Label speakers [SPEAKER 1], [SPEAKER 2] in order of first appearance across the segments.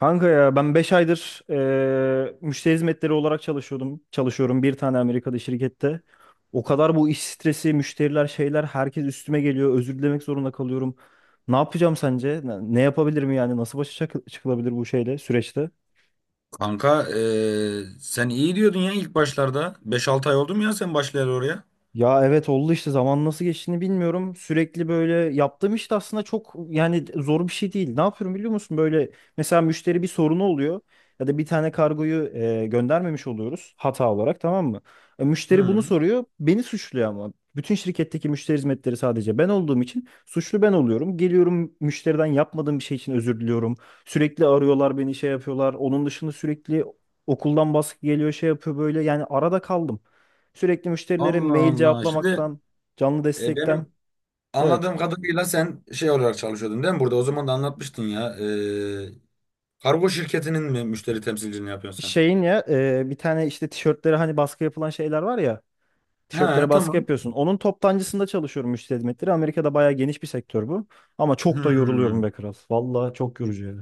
[SPEAKER 1] Kanka ya ben 5 aydır müşteri hizmetleri olarak çalışıyordum. Çalışıyorum bir tane Amerika'da şirkette. O kadar bu iş stresi, müşteriler, şeyler herkes üstüme geliyor. Özür dilemek zorunda kalıyorum. Ne yapacağım sence? Ne yapabilirim yani? Nasıl başa çıkılabilir bu şeyle, süreçte?
[SPEAKER 2] Kanka sen iyi diyordun ya ilk başlarda. Beş 6 ay oldu mu ya sen başlayalı oraya?
[SPEAKER 1] Ya evet oldu işte zaman nasıl geçtiğini bilmiyorum. Sürekli böyle yaptığım işte aslında çok yani zor bir şey değil. Ne yapıyorum biliyor musun? Böyle mesela müşteri bir sorunu oluyor ya da bir tane kargoyu göndermemiş oluyoruz hata olarak, tamam mı? Müşteri bunu
[SPEAKER 2] Hı.
[SPEAKER 1] soruyor, beni suçluyor ama. Bütün şirketteki müşteri hizmetleri sadece ben olduğum için suçlu ben oluyorum. Geliyorum müşteriden, yapmadığım bir şey için özür diliyorum. Sürekli arıyorlar beni, şey yapıyorlar. Onun dışında sürekli okuldan baskı geliyor, şey yapıyor böyle, yani arada kaldım. Sürekli müşterilere
[SPEAKER 2] Allah
[SPEAKER 1] mail
[SPEAKER 2] Allah. Şimdi
[SPEAKER 1] cevaplamaktan, canlı destekten.
[SPEAKER 2] benim
[SPEAKER 1] Evet.
[SPEAKER 2] anladığım kadarıyla sen şey olarak çalışıyordun değil mi? Burada o zaman da anlatmıştın ya. Kargo şirketinin mi müşteri temsilciliğini yapıyorsun
[SPEAKER 1] Şeyin ya, bir tane işte tişörtlere hani baskı yapılan şeyler var ya.
[SPEAKER 2] sen?
[SPEAKER 1] Tişörtlere
[SPEAKER 2] He,
[SPEAKER 1] baskı
[SPEAKER 2] tamam.
[SPEAKER 1] yapıyorsun. Onun toptancısında çalışıyorum, müşteri hizmetleri. Amerika'da bayağı geniş bir sektör bu. Ama çok da yoruluyorum
[SPEAKER 2] Hmm.
[SPEAKER 1] be kral. Vallahi çok yorucu yani.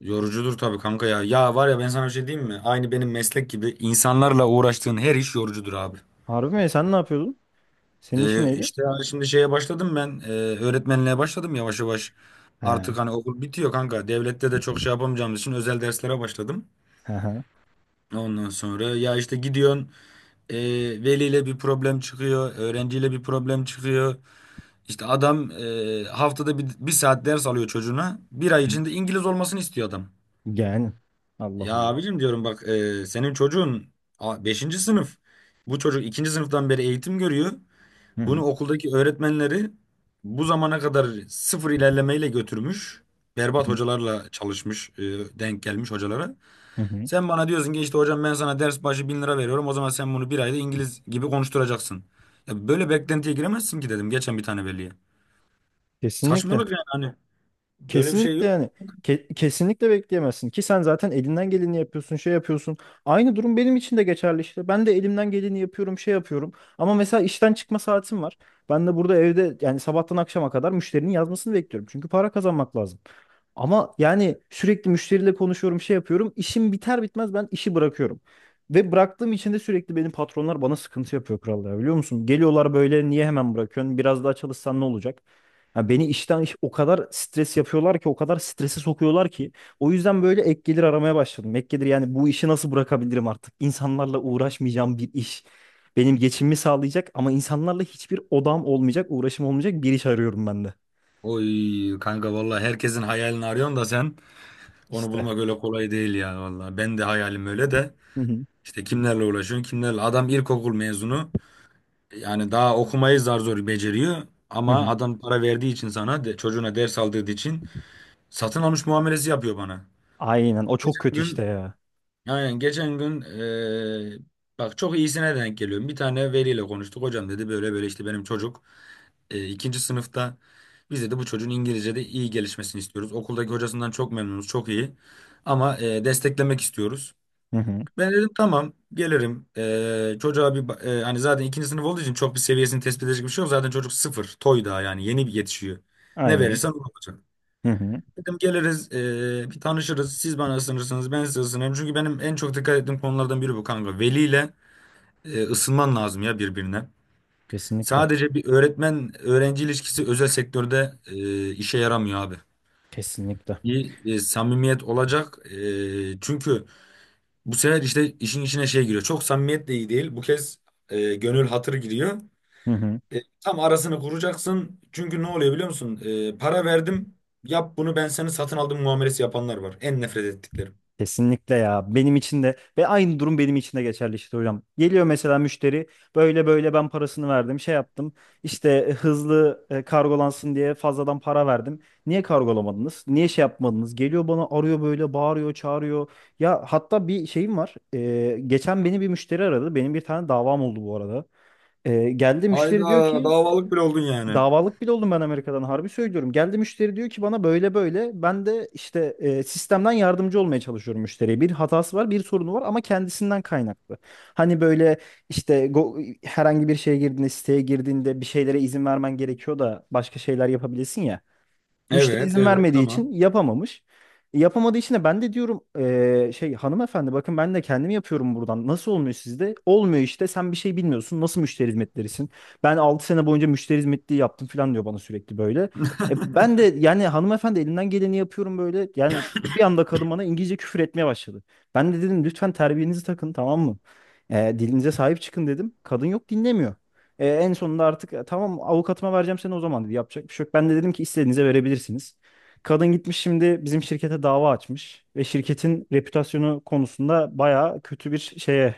[SPEAKER 2] Yorucudur tabii kanka ya. Ya var ya, ben sana bir şey diyeyim mi? Aynı benim meslek gibi, insanlarla uğraştığın her iş yorucudur abi.
[SPEAKER 1] Harbi mi? Sen ne yapıyordun? Senin işin neydi?
[SPEAKER 2] İşte hani şimdi şeye başladım ben, öğretmenliğe başladım yavaş yavaş.
[SPEAKER 1] He.
[SPEAKER 2] Artık hani okul bitiyor kanka. Devlette de çok şey yapamayacağımız için özel derslere başladım.
[SPEAKER 1] He he.
[SPEAKER 2] Ondan sonra ya işte gidiyorsun, e, veliyle bir problem çıkıyor. Öğrenciyle bir problem çıkıyor. İşte adam, haftada bir, bir saat ders alıyor çocuğuna. Bir ay içinde İngiliz olmasını istiyor adam.
[SPEAKER 1] Yani. Allah
[SPEAKER 2] Ya
[SPEAKER 1] Allah.
[SPEAKER 2] abicim diyorum bak, senin çocuğun beşinci sınıf. Bu çocuk ikinci sınıftan beri eğitim görüyor.
[SPEAKER 1] Hı
[SPEAKER 2] Bunu
[SPEAKER 1] hı.
[SPEAKER 2] okuldaki öğretmenleri bu zamana kadar sıfır ilerlemeyle götürmüş. Berbat hocalarla çalışmış, denk gelmiş hocalara.
[SPEAKER 1] Hı hı.
[SPEAKER 2] Sen bana diyorsun ki işte hocam, ben sana ders başı 1.000 lira veriyorum. O zaman sen bunu bir ayda İngiliz gibi konuşturacaksın. Ya böyle beklentiye giremezsin ki dedim geçen bir tane veliye.
[SPEAKER 1] Kesinlikle.
[SPEAKER 2] Saçmalık yani, hani böyle bir şey
[SPEAKER 1] Kesinlikle
[SPEAKER 2] yok.
[SPEAKER 1] yani. Kesinlikle bekleyemezsin ki, sen zaten elinden geleni yapıyorsun, şey yapıyorsun. Aynı durum benim için de geçerli işte. Ben de elimden geleni yapıyorum, şey yapıyorum. Ama mesela işten çıkma saatim var. Ben de burada evde, yani sabahtan akşama kadar müşterinin yazmasını bekliyorum. Çünkü para kazanmak lazım. Ama yani sürekli müşteriyle konuşuyorum, şey yapıyorum. İşim biter bitmez ben işi bırakıyorum. Ve bıraktığım için de sürekli benim patronlar bana sıkıntı yapıyor kral ya, biliyor musun? Geliyorlar böyle, niye hemen bırakıyorsun? Biraz daha çalışsan ne olacak? Ya beni işten o kadar stres yapıyorlar ki, o kadar strese sokuyorlar ki o yüzden böyle ek gelir aramaya başladım. Ek gelir, yani bu işi nasıl bırakabilirim artık? İnsanlarla uğraşmayacağım bir iş. Benim geçimimi sağlayacak ama insanlarla hiçbir odam olmayacak, uğraşım olmayacak bir iş arıyorum ben de.
[SPEAKER 2] Oy kanka, vallahi herkesin hayalini arıyorsun da sen, onu
[SPEAKER 1] İşte.
[SPEAKER 2] bulmak öyle kolay değil ya vallahi. Ben de hayalim öyle de
[SPEAKER 1] Hı hı.
[SPEAKER 2] işte kimlerle uğraşıyorsun, kimlerle. Adam ilkokul mezunu. Yani daha okumayı zar zor beceriyor,
[SPEAKER 1] Hı
[SPEAKER 2] ama
[SPEAKER 1] hı.
[SPEAKER 2] adam para verdiği için sana çocuğuna ders aldırdığı için satın almış muamelesi yapıyor bana.
[SPEAKER 1] Aynen, o çok kötü işte
[SPEAKER 2] Gün,
[SPEAKER 1] ya.
[SPEAKER 2] yani geçen gün, bak çok iyisine denk geliyorum. Bir tane veliyle konuştuk. Hocam dedi, böyle böyle işte benim çocuk, ikinci sınıfta, biz dedi bu çocuğun İngilizce'de iyi gelişmesini istiyoruz. Okuldaki hocasından çok memnunuz, çok iyi ama desteklemek istiyoruz.
[SPEAKER 1] Hı hı.
[SPEAKER 2] Ben dedim tamam, gelirim. Çocuğa bir hani zaten ikinci sınıf olduğu için çok bir seviyesini tespit edecek bir şey yok. Zaten çocuk sıfır. Toy daha yani, yeni bir yetişiyor. Ne
[SPEAKER 1] Aynen.
[SPEAKER 2] verirsen o olacak.
[SPEAKER 1] Hı hı.
[SPEAKER 2] Dedim geliriz, bir tanışırız. Siz bana ısınırsınız, ben size ısınırım. Çünkü benim en çok dikkat ettiğim konulardan biri bu kanka. Veliyle ısınman lazım ya birbirine.
[SPEAKER 1] Kesinlikle.
[SPEAKER 2] Sadece bir öğretmen öğrenci ilişkisi özel sektörde işe yaramıyor abi.
[SPEAKER 1] Kesinlikle.
[SPEAKER 2] Bir samimiyet olacak. Çünkü bu sefer işte işin içine şey giriyor. Çok samimiyet de iyi değil. Bu kez gönül hatır giriyor.
[SPEAKER 1] Hı hı.
[SPEAKER 2] Tam arasını kuracaksın. Çünkü ne oluyor biliyor musun? Para verdim. Yap bunu, ben seni satın aldım muamelesi yapanlar var. En nefret ettiklerim.
[SPEAKER 1] Kesinlikle ya. Benim için de, ve aynı durum benim için de geçerli işte hocam. Geliyor mesela müşteri, böyle böyle ben parasını verdim, şey yaptım, işte hızlı kargolansın diye fazladan para verdim. Niye kargolamadınız? Niye şey yapmadınız? Geliyor bana, arıyor, böyle bağırıyor çağırıyor. Ya hatta bir şeyim var. Geçen beni bir müşteri aradı. Benim bir tane davam oldu bu arada. Geldi müşteri diyor
[SPEAKER 2] Hayda,
[SPEAKER 1] ki.
[SPEAKER 2] davalık bile oldun yani.
[SPEAKER 1] Davalık bile oldum ben Amerika'dan, harbi söylüyorum. Geldi müşteri diyor ki bana böyle böyle. Ben de işte sistemden yardımcı olmaya çalışıyorum müşteriye. Bir hatası var, bir sorunu var ama kendisinden kaynaklı. Hani böyle işte, herhangi bir şeye girdiğinde, siteye girdiğinde bir şeylere izin vermen gerekiyor da başka şeyler yapabilirsin ya. Müşteri
[SPEAKER 2] Evet,
[SPEAKER 1] izin
[SPEAKER 2] evet,
[SPEAKER 1] vermediği
[SPEAKER 2] tamam.
[SPEAKER 1] için yapamamış. E, yapamadığı için de ben de diyorum şey, hanımefendi bakın, ben de kendim yapıyorum buradan. Nasıl olmuyor sizde? Olmuyor, işte sen bir şey bilmiyorsun. Nasıl müşteri hizmetlerisin? Ben 6 sene boyunca müşteri hizmetliği yaptım falan diyor bana sürekli böyle. E, ben de yani, hanımefendi elinden geleni yapıyorum böyle. Yani bir anda kadın bana İngilizce küfür etmeye başladı. Ben de dedim lütfen terbiyenizi takın, tamam mı? E, dilinize sahip çıkın dedim. Kadın yok, dinlemiyor. E, en sonunda artık, Tamam, avukatıma vereceğim seni o zaman" dedi. Yapacak bir şey yok. Ben de dedim ki istediğinize verebilirsiniz. Kadın gitmiş şimdi bizim şirkete dava açmış ve şirketin reputasyonu konusunda bayağı kötü bir şeye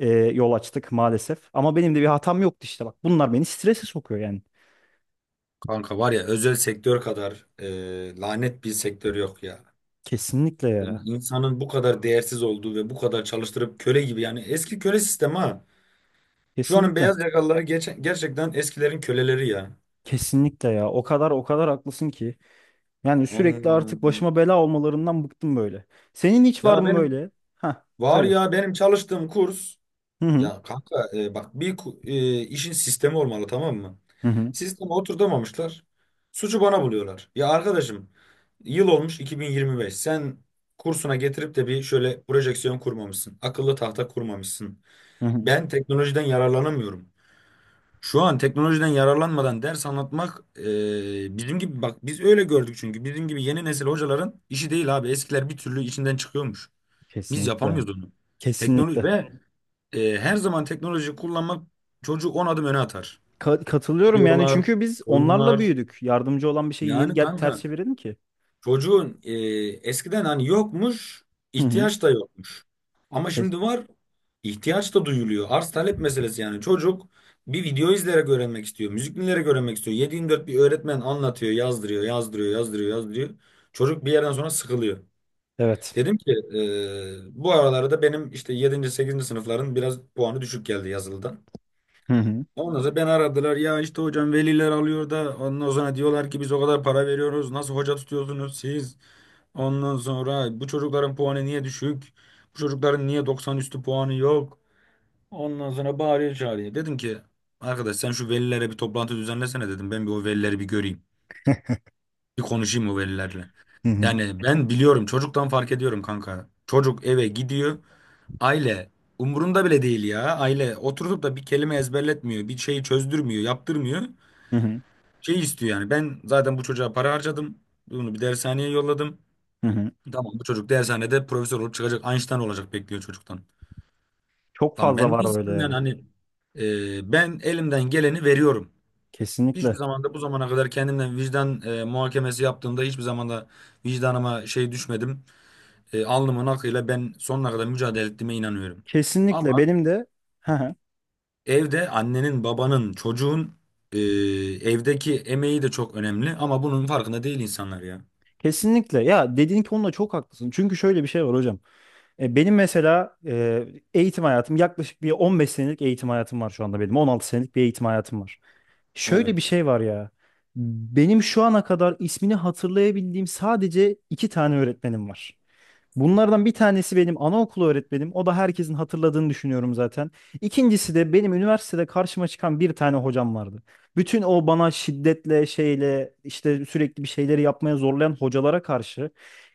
[SPEAKER 1] yol açtık maalesef. Ama benim de bir hatam yoktu işte, bak. Bunlar beni strese sokuyor yani.
[SPEAKER 2] Kanka var ya, özel sektör kadar lanet bir sektör yok ya.
[SPEAKER 1] Kesinlikle
[SPEAKER 2] Yani
[SPEAKER 1] ya.
[SPEAKER 2] İnsanın bu kadar değersiz olduğu ve bu kadar çalıştırıp köle gibi, yani eski köle sistemi ha. Şu anın
[SPEAKER 1] Kesinlikle.
[SPEAKER 2] beyaz yakalıları gerçekten eskilerin köleleri ya.
[SPEAKER 1] Kesinlikle ya. O kadar, o kadar haklısın ki. Yani sürekli artık
[SPEAKER 2] Anladım.
[SPEAKER 1] başıma bela olmalarından bıktım böyle. Senin hiç var
[SPEAKER 2] Ya
[SPEAKER 1] mı
[SPEAKER 2] benim
[SPEAKER 1] böyle? Ha,
[SPEAKER 2] var
[SPEAKER 1] söyle.
[SPEAKER 2] ya benim çalıştığım kurs
[SPEAKER 1] Hı hı.
[SPEAKER 2] ya kanka, bak bir işin sistemi olmalı, tamam mı?
[SPEAKER 1] Hı hı.
[SPEAKER 2] Sisteme oturtamamışlar. Suçu bana buluyorlar. Ya arkadaşım, yıl olmuş 2025. Sen kursuna getirip de bir şöyle projeksiyon kurmamışsın. Akıllı tahta kurmamışsın.
[SPEAKER 1] Hı hı.
[SPEAKER 2] Ben teknolojiden yararlanamıyorum. Şu an teknolojiden yararlanmadan ders anlatmak, bizim gibi bak, biz öyle gördük çünkü, bizim gibi yeni nesil hocaların işi değil abi. Eskiler bir türlü içinden çıkıyormuş. Biz
[SPEAKER 1] Kesinlikle.
[SPEAKER 2] yapamıyoruz onu. Teknoloji
[SPEAKER 1] Kesinlikle.
[SPEAKER 2] ve her zaman teknoloji kullanmak çocuğu 10 adım öne atar.
[SPEAKER 1] Katılıyorum yani,
[SPEAKER 2] Videolar,
[SPEAKER 1] çünkü biz onlarla
[SPEAKER 2] oyunlar.
[SPEAKER 1] büyüdük. Yardımcı olan bir şeyi niye
[SPEAKER 2] Yani
[SPEAKER 1] gel ters
[SPEAKER 2] kanka,
[SPEAKER 1] çevirelim ki?
[SPEAKER 2] çocuğun eskiden hani yokmuş,
[SPEAKER 1] Hı hı.
[SPEAKER 2] ihtiyaç da yokmuş. Ama
[SPEAKER 1] Kes-
[SPEAKER 2] şimdi var, ihtiyaç da duyuluyor. Arz talep meselesi yani. Çocuk bir video izleyerek öğrenmek istiyor, müzik dinleyerek öğrenmek istiyor. 7/24 bir öğretmen anlatıyor, yazdırıyor, yazdırıyor, yazdırıyor, yazdırıyor. Çocuk bir yerden sonra sıkılıyor.
[SPEAKER 1] Evet.
[SPEAKER 2] Dedim ki bu aralarda benim işte yedinci sekizinci sınıfların biraz puanı düşük geldi yazılıdan.
[SPEAKER 1] Hı hı.
[SPEAKER 2] Ondan sonra beni aradılar ya işte hocam, veliler alıyor da ondan sonra diyorlar ki biz o kadar para veriyoruz, nasıl hoca tutuyorsunuz siz? Ondan sonra bu çocukların puanı niye düşük? Bu çocukların niye 90 üstü puanı yok? Ondan sonra bağırıyor çağırıyor. Dedim ki arkadaş, sen şu velilere bir toplantı düzenlesene dedim, ben bir o velileri bir göreyim. Bir konuşayım o velilerle.
[SPEAKER 1] Hı hı.
[SPEAKER 2] Yani ben biliyorum, çocuktan fark ediyorum kanka. Çocuk eve gidiyor. Aile umurunda bile değil ya. Aile oturup da bir kelime ezberletmiyor, bir şeyi çözdürmüyor, yaptırmıyor.
[SPEAKER 1] Hı hı.
[SPEAKER 2] Şey istiyor yani. Ben zaten bu çocuğa para harcadım. Bunu bir dershaneye yolladım.
[SPEAKER 1] Hı hı.
[SPEAKER 2] Tamam, bu çocuk dershanede profesör olup çıkacak, Einstein olacak bekliyor çocuktan.
[SPEAKER 1] Çok
[SPEAKER 2] Lan ben
[SPEAKER 1] fazla var
[SPEAKER 2] de
[SPEAKER 1] böyle
[SPEAKER 2] istiyorum yani,
[SPEAKER 1] ya.
[SPEAKER 2] hani ben elimden geleni veriyorum. Hiçbir
[SPEAKER 1] Kesinlikle.
[SPEAKER 2] zaman da bu zamana kadar kendimden vicdan muhakemesi yaptığımda, hiçbir zaman da vicdanıma şey düşmedim. Alnımın akıyla ben sonuna kadar mücadele ettiğime inanıyorum.
[SPEAKER 1] Kesinlikle
[SPEAKER 2] Ama
[SPEAKER 1] benim de. Hı hı.
[SPEAKER 2] evde annenin, babanın, çocuğun e, evdeki emeği de çok önemli, ama bunun farkında değil insanlar ya.
[SPEAKER 1] Kesinlikle. Ya dediğin konuda çok haklısın. Çünkü şöyle bir şey var hocam. Benim mesela eğitim hayatım, yaklaşık bir 15 senelik eğitim hayatım var şu anda benim. 16 senelik bir eğitim hayatım var. Şöyle bir
[SPEAKER 2] Evet.
[SPEAKER 1] şey var ya. Benim şu ana kadar ismini hatırlayabildiğim sadece iki tane öğretmenim var. Bunlardan bir tanesi benim anaokulu öğretmenim. O da herkesin hatırladığını düşünüyorum zaten. İkincisi de benim üniversitede karşıma çıkan bir tane hocam vardı. Bütün o bana şiddetle şeyle, işte sürekli bir şeyleri yapmaya zorlayan hocalara karşı,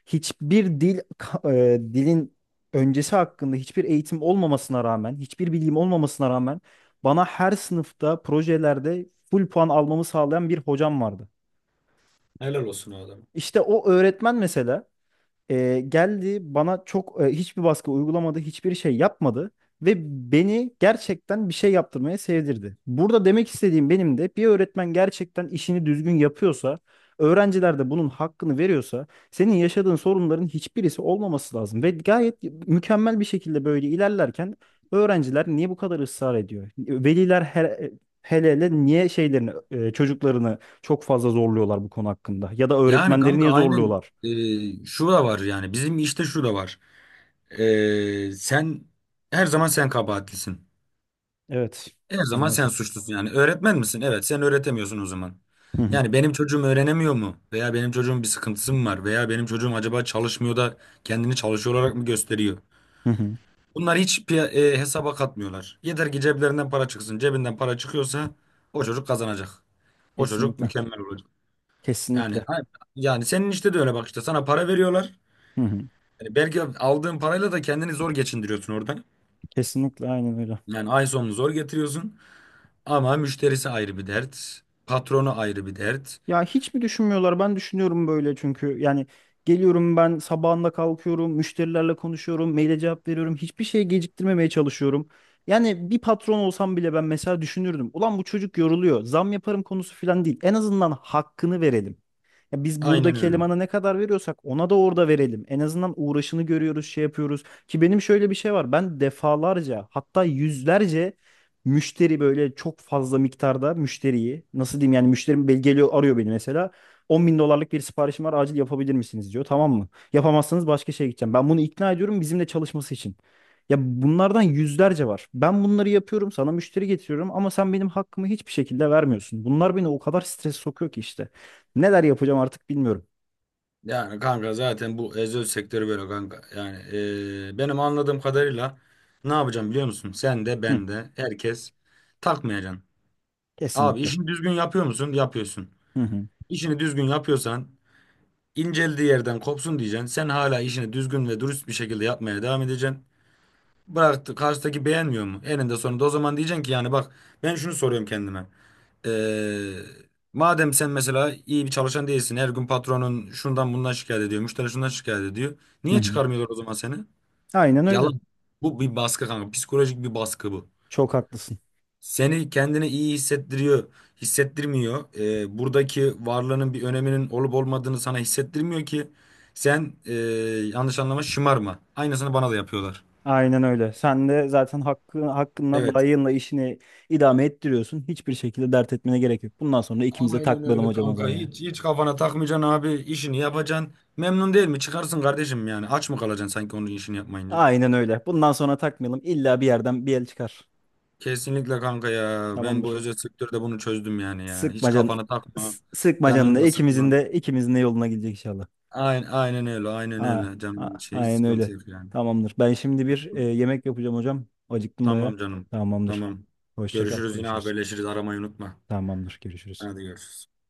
[SPEAKER 1] hiçbir dil dilin öncesi hakkında hiçbir eğitim olmamasına rağmen, hiçbir bilgim olmamasına rağmen bana her sınıfta projelerde full puan almamı sağlayan bir hocam vardı.
[SPEAKER 2] Helal olsun o adama.
[SPEAKER 1] İşte o öğretmen mesela geldi bana çok, hiçbir baskı uygulamadı, hiçbir şey yapmadı ve beni gerçekten bir şey yaptırmaya sevdirdi. Burada demek istediğim, benim de bir öğretmen gerçekten işini düzgün yapıyorsa, öğrenciler de bunun hakkını veriyorsa, senin yaşadığın sorunların hiçbirisi olmaması lazım ve gayet mükemmel bir şekilde böyle ilerlerken öğrenciler niye bu kadar ısrar ediyor? Veliler hele hele niye şeylerini, çocuklarını çok fazla zorluyorlar bu konu hakkında? Ya da
[SPEAKER 2] Yani
[SPEAKER 1] öğretmenleri
[SPEAKER 2] kanka
[SPEAKER 1] niye
[SPEAKER 2] aynen,
[SPEAKER 1] zorluyorlar?
[SPEAKER 2] şu da var yani, bizim işte şu da var. Sen her zaman sen kabahatlisin.
[SPEAKER 1] Evet,
[SPEAKER 2] Her zaman sen
[SPEAKER 1] maalesef.
[SPEAKER 2] suçlusun yani. Öğretmen misin? Evet, sen öğretemiyorsun o zaman.
[SPEAKER 1] Hı hı,
[SPEAKER 2] Yani benim çocuğum öğrenemiyor mu? Veya benim çocuğum bir sıkıntısı mı var? Veya benim çocuğum acaba çalışmıyor da kendini çalışıyor olarak mı gösteriyor?
[SPEAKER 1] hı hı.
[SPEAKER 2] Bunlar hiç hesaba katmıyorlar. Yeter ki ceplerinden para çıksın. Cebinden para çıkıyorsa o çocuk kazanacak. O çocuk
[SPEAKER 1] Kesinlikle.
[SPEAKER 2] mükemmel olacak. Yani
[SPEAKER 1] Kesinlikle.
[SPEAKER 2] yani senin işte de öyle, bak işte sana para veriyorlar.
[SPEAKER 1] Hı hı.
[SPEAKER 2] Yani belki aldığın parayla da kendini zor geçindiriyorsun orada.
[SPEAKER 1] Kesinlikle, aynen öyle.
[SPEAKER 2] Yani ay sonunu zor getiriyorsun. Ama müşterisi ayrı bir dert. Patronu ayrı bir dert.
[SPEAKER 1] Ya hiç mi düşünmüyorlar? Ben düşünüyorum böyle, çünkü yani geliyorum ben sabahında, kalkıyorum, müşterilerle konuşuyorum, maile cevap veriyorum. Hiçbir şey geciktirmemeye çalışıyorum. Yani bir patron olsam bile, ben mesela düşünürdüm. Ulan bu çocuk yoruluyor. Zam yaparım konusu falan değil. En azından hakkını verelim. Ya biz
[SPEAKER 2] Aynen
[SPEAKER 1] buradaki
[SPEAKER 2] öyle.
[SPEAKER 1] elemana ne kadar veriyorsak ona da orada verelim. En azından uğraşını görüyoruz, şey yapıyoruz. Ki benim şöyle bir şey var. Ben defalarca, hatta yüzlerce müşteri, böyle çok fazla miktarda müşteriyi, nasıl diyeyim yani, müşterim geliyor arıyor beni mesela. 10 bin dolarlık bir siparişim var, acil yapabilir misiniz diyor, tamam mı? Yapamazsanız başka şeye gideceğim. Ben bunu ikna ediyorum bizimle çalışması için. Ya bunlardan yüzlerce var. Ben bunları yapıyorum, sana müşteri getiriyorum ama sen benim hakkımı hiçbir şekilde vermiyorsun. Bunlar beni o kadar stres sokuyor ki işte. Neler yapacağım artık bilmiyorum.
[SPEAKER 2] Yani kanka zaten bu özel sektörü böyle kanka. Yani benim anladığım kadarıyla ne yapacağım biliyor musun? Sen de,
[SPEAKER 1] Hı,
[SPEAKER 2] ben de, herkes takmayacaksın. Abi
[SPEAKER 1] kesinlikle.
[SPEAKER 2] işini düzgün yapıyor musun? Yapıyorsun.
[SPEAKER 1] Hı hı,
[SPEAKER 2] İşini düzgün yapıyorsan inceldiği yerden kopsun diyeceksin. Sen hala işini düzgün ve dürüst bir şekilde yapmaya devam edeceksin. Bıraktı, karşıdaki beğenmiyor mu? Eninde sonunda o zaman diyeceksin ki, yani bak, ben şunu soruyorum kendime. Ee, Madem sen mesela iyi bir çalışan değilsin. Her gün patronun şundan bundan şikayet ediyor. Müşteri şundan şikayet ediyor.
[SPEAKER 1] hı
[SPEAKER 2] Niye
[SPEAKER 1] hı.
[SPEAKER 2] çıkarmıyorlar o zaman seni?
[SPEAKER 1] Aynen öyle.
[SPEAKER 2] Yalan. Bu bir baskı kanka. Psikolojik bir baskı bu.
[SPEAKER 1] Çok haklısın.
[SPEAKER 2] Seni kendini iyi hissettiriyor, hissettirmiyor. Buradaki varlığının bir öneminin olup olmadığını sana hissettirmiyor ki sen, yanlış anlama, şımarma. Aynısını bana da yapıyorlar.
[SPEAKER 1] Aynen öyle. Sen de zaten hakkı, hakkınla,
[SPEAKER 2] Evet.
[SPEAKER 1] layığınla işini idame ettiriyorsun. Hiçbir şekilde dert etmene gerek yok. Bundan sonra ikimiz de
[SPEAKER 2] Aynen
[SPEAKER 1] takmayalım
[SPEAKER 2] öyle
[SPEAKER 1] hocam o zaman
[SPEAKER 2] kanka.
[SPEAKER 1] yani.
[SPEAKER 2] Hiç hiç kafana takmayacaksın abi. İşini yapacaksın. Memnun değil mi? Çıkarsın kardeşim yani. Aç mı kalacaksın sanki onun işini yapmayınca?
[SPEAKER 1] Aynen öyle. Bundan sonra takmayalım. İlla bir yerden bir el çıkar.
[SPEAKER 2] Kesinlikle kanka ya. Ben bu
[SPEAKER 1] Tamamdır.
[SPEAKER 2] özel sektörde bunu çözdüm yani ya. Hiç
[SPEAKER 1] Sıkma canını.
[SPEAKER 2] kafana takma.
[SPEAKER 1] Sıkma
[SPEAKER 2] Canını
[SPEAKER 1] canını.
[SPEAKER 2] da
[SPEAKER 1] İkimizin
[SPEAKER 2] sıkma.
[SPEAKER 1] de, ikimizin de yoluna gidecek inşallah.
[SPEAKER 2] Aynen, aynen öyle. Aynen
[SPEAKER 1] A-
[SPEAKER 2] öyle.
[SPEAKER 1] a-
[SPEAKER 2] Canım şey, hiç
[SPEAKER 1] aynen öyle.
[SPEAKER 2] sıkıntı yok yani.
[SPEAKER 1] Tamamdır. Ben şimdi bir yemek yapacağım hocam. Acıktım baya.
[SPEAKER 2] Tamam canım.
[SPEAKER 1] Tamamdır.
[SPEAKER 2] Tamam.
[SPEAKER 1] Hoşça kal.
[SPEAKER 2] Görüşürüz, yine
[SPEAKER 1] Görüşürüz.
[SPEAKER 2] haberleşiriz. Aramayı unutma.
[SPEAKER 1] Tamamdır. Görüşürüz.
[SPEAKER 2] Hadi görüşürüz.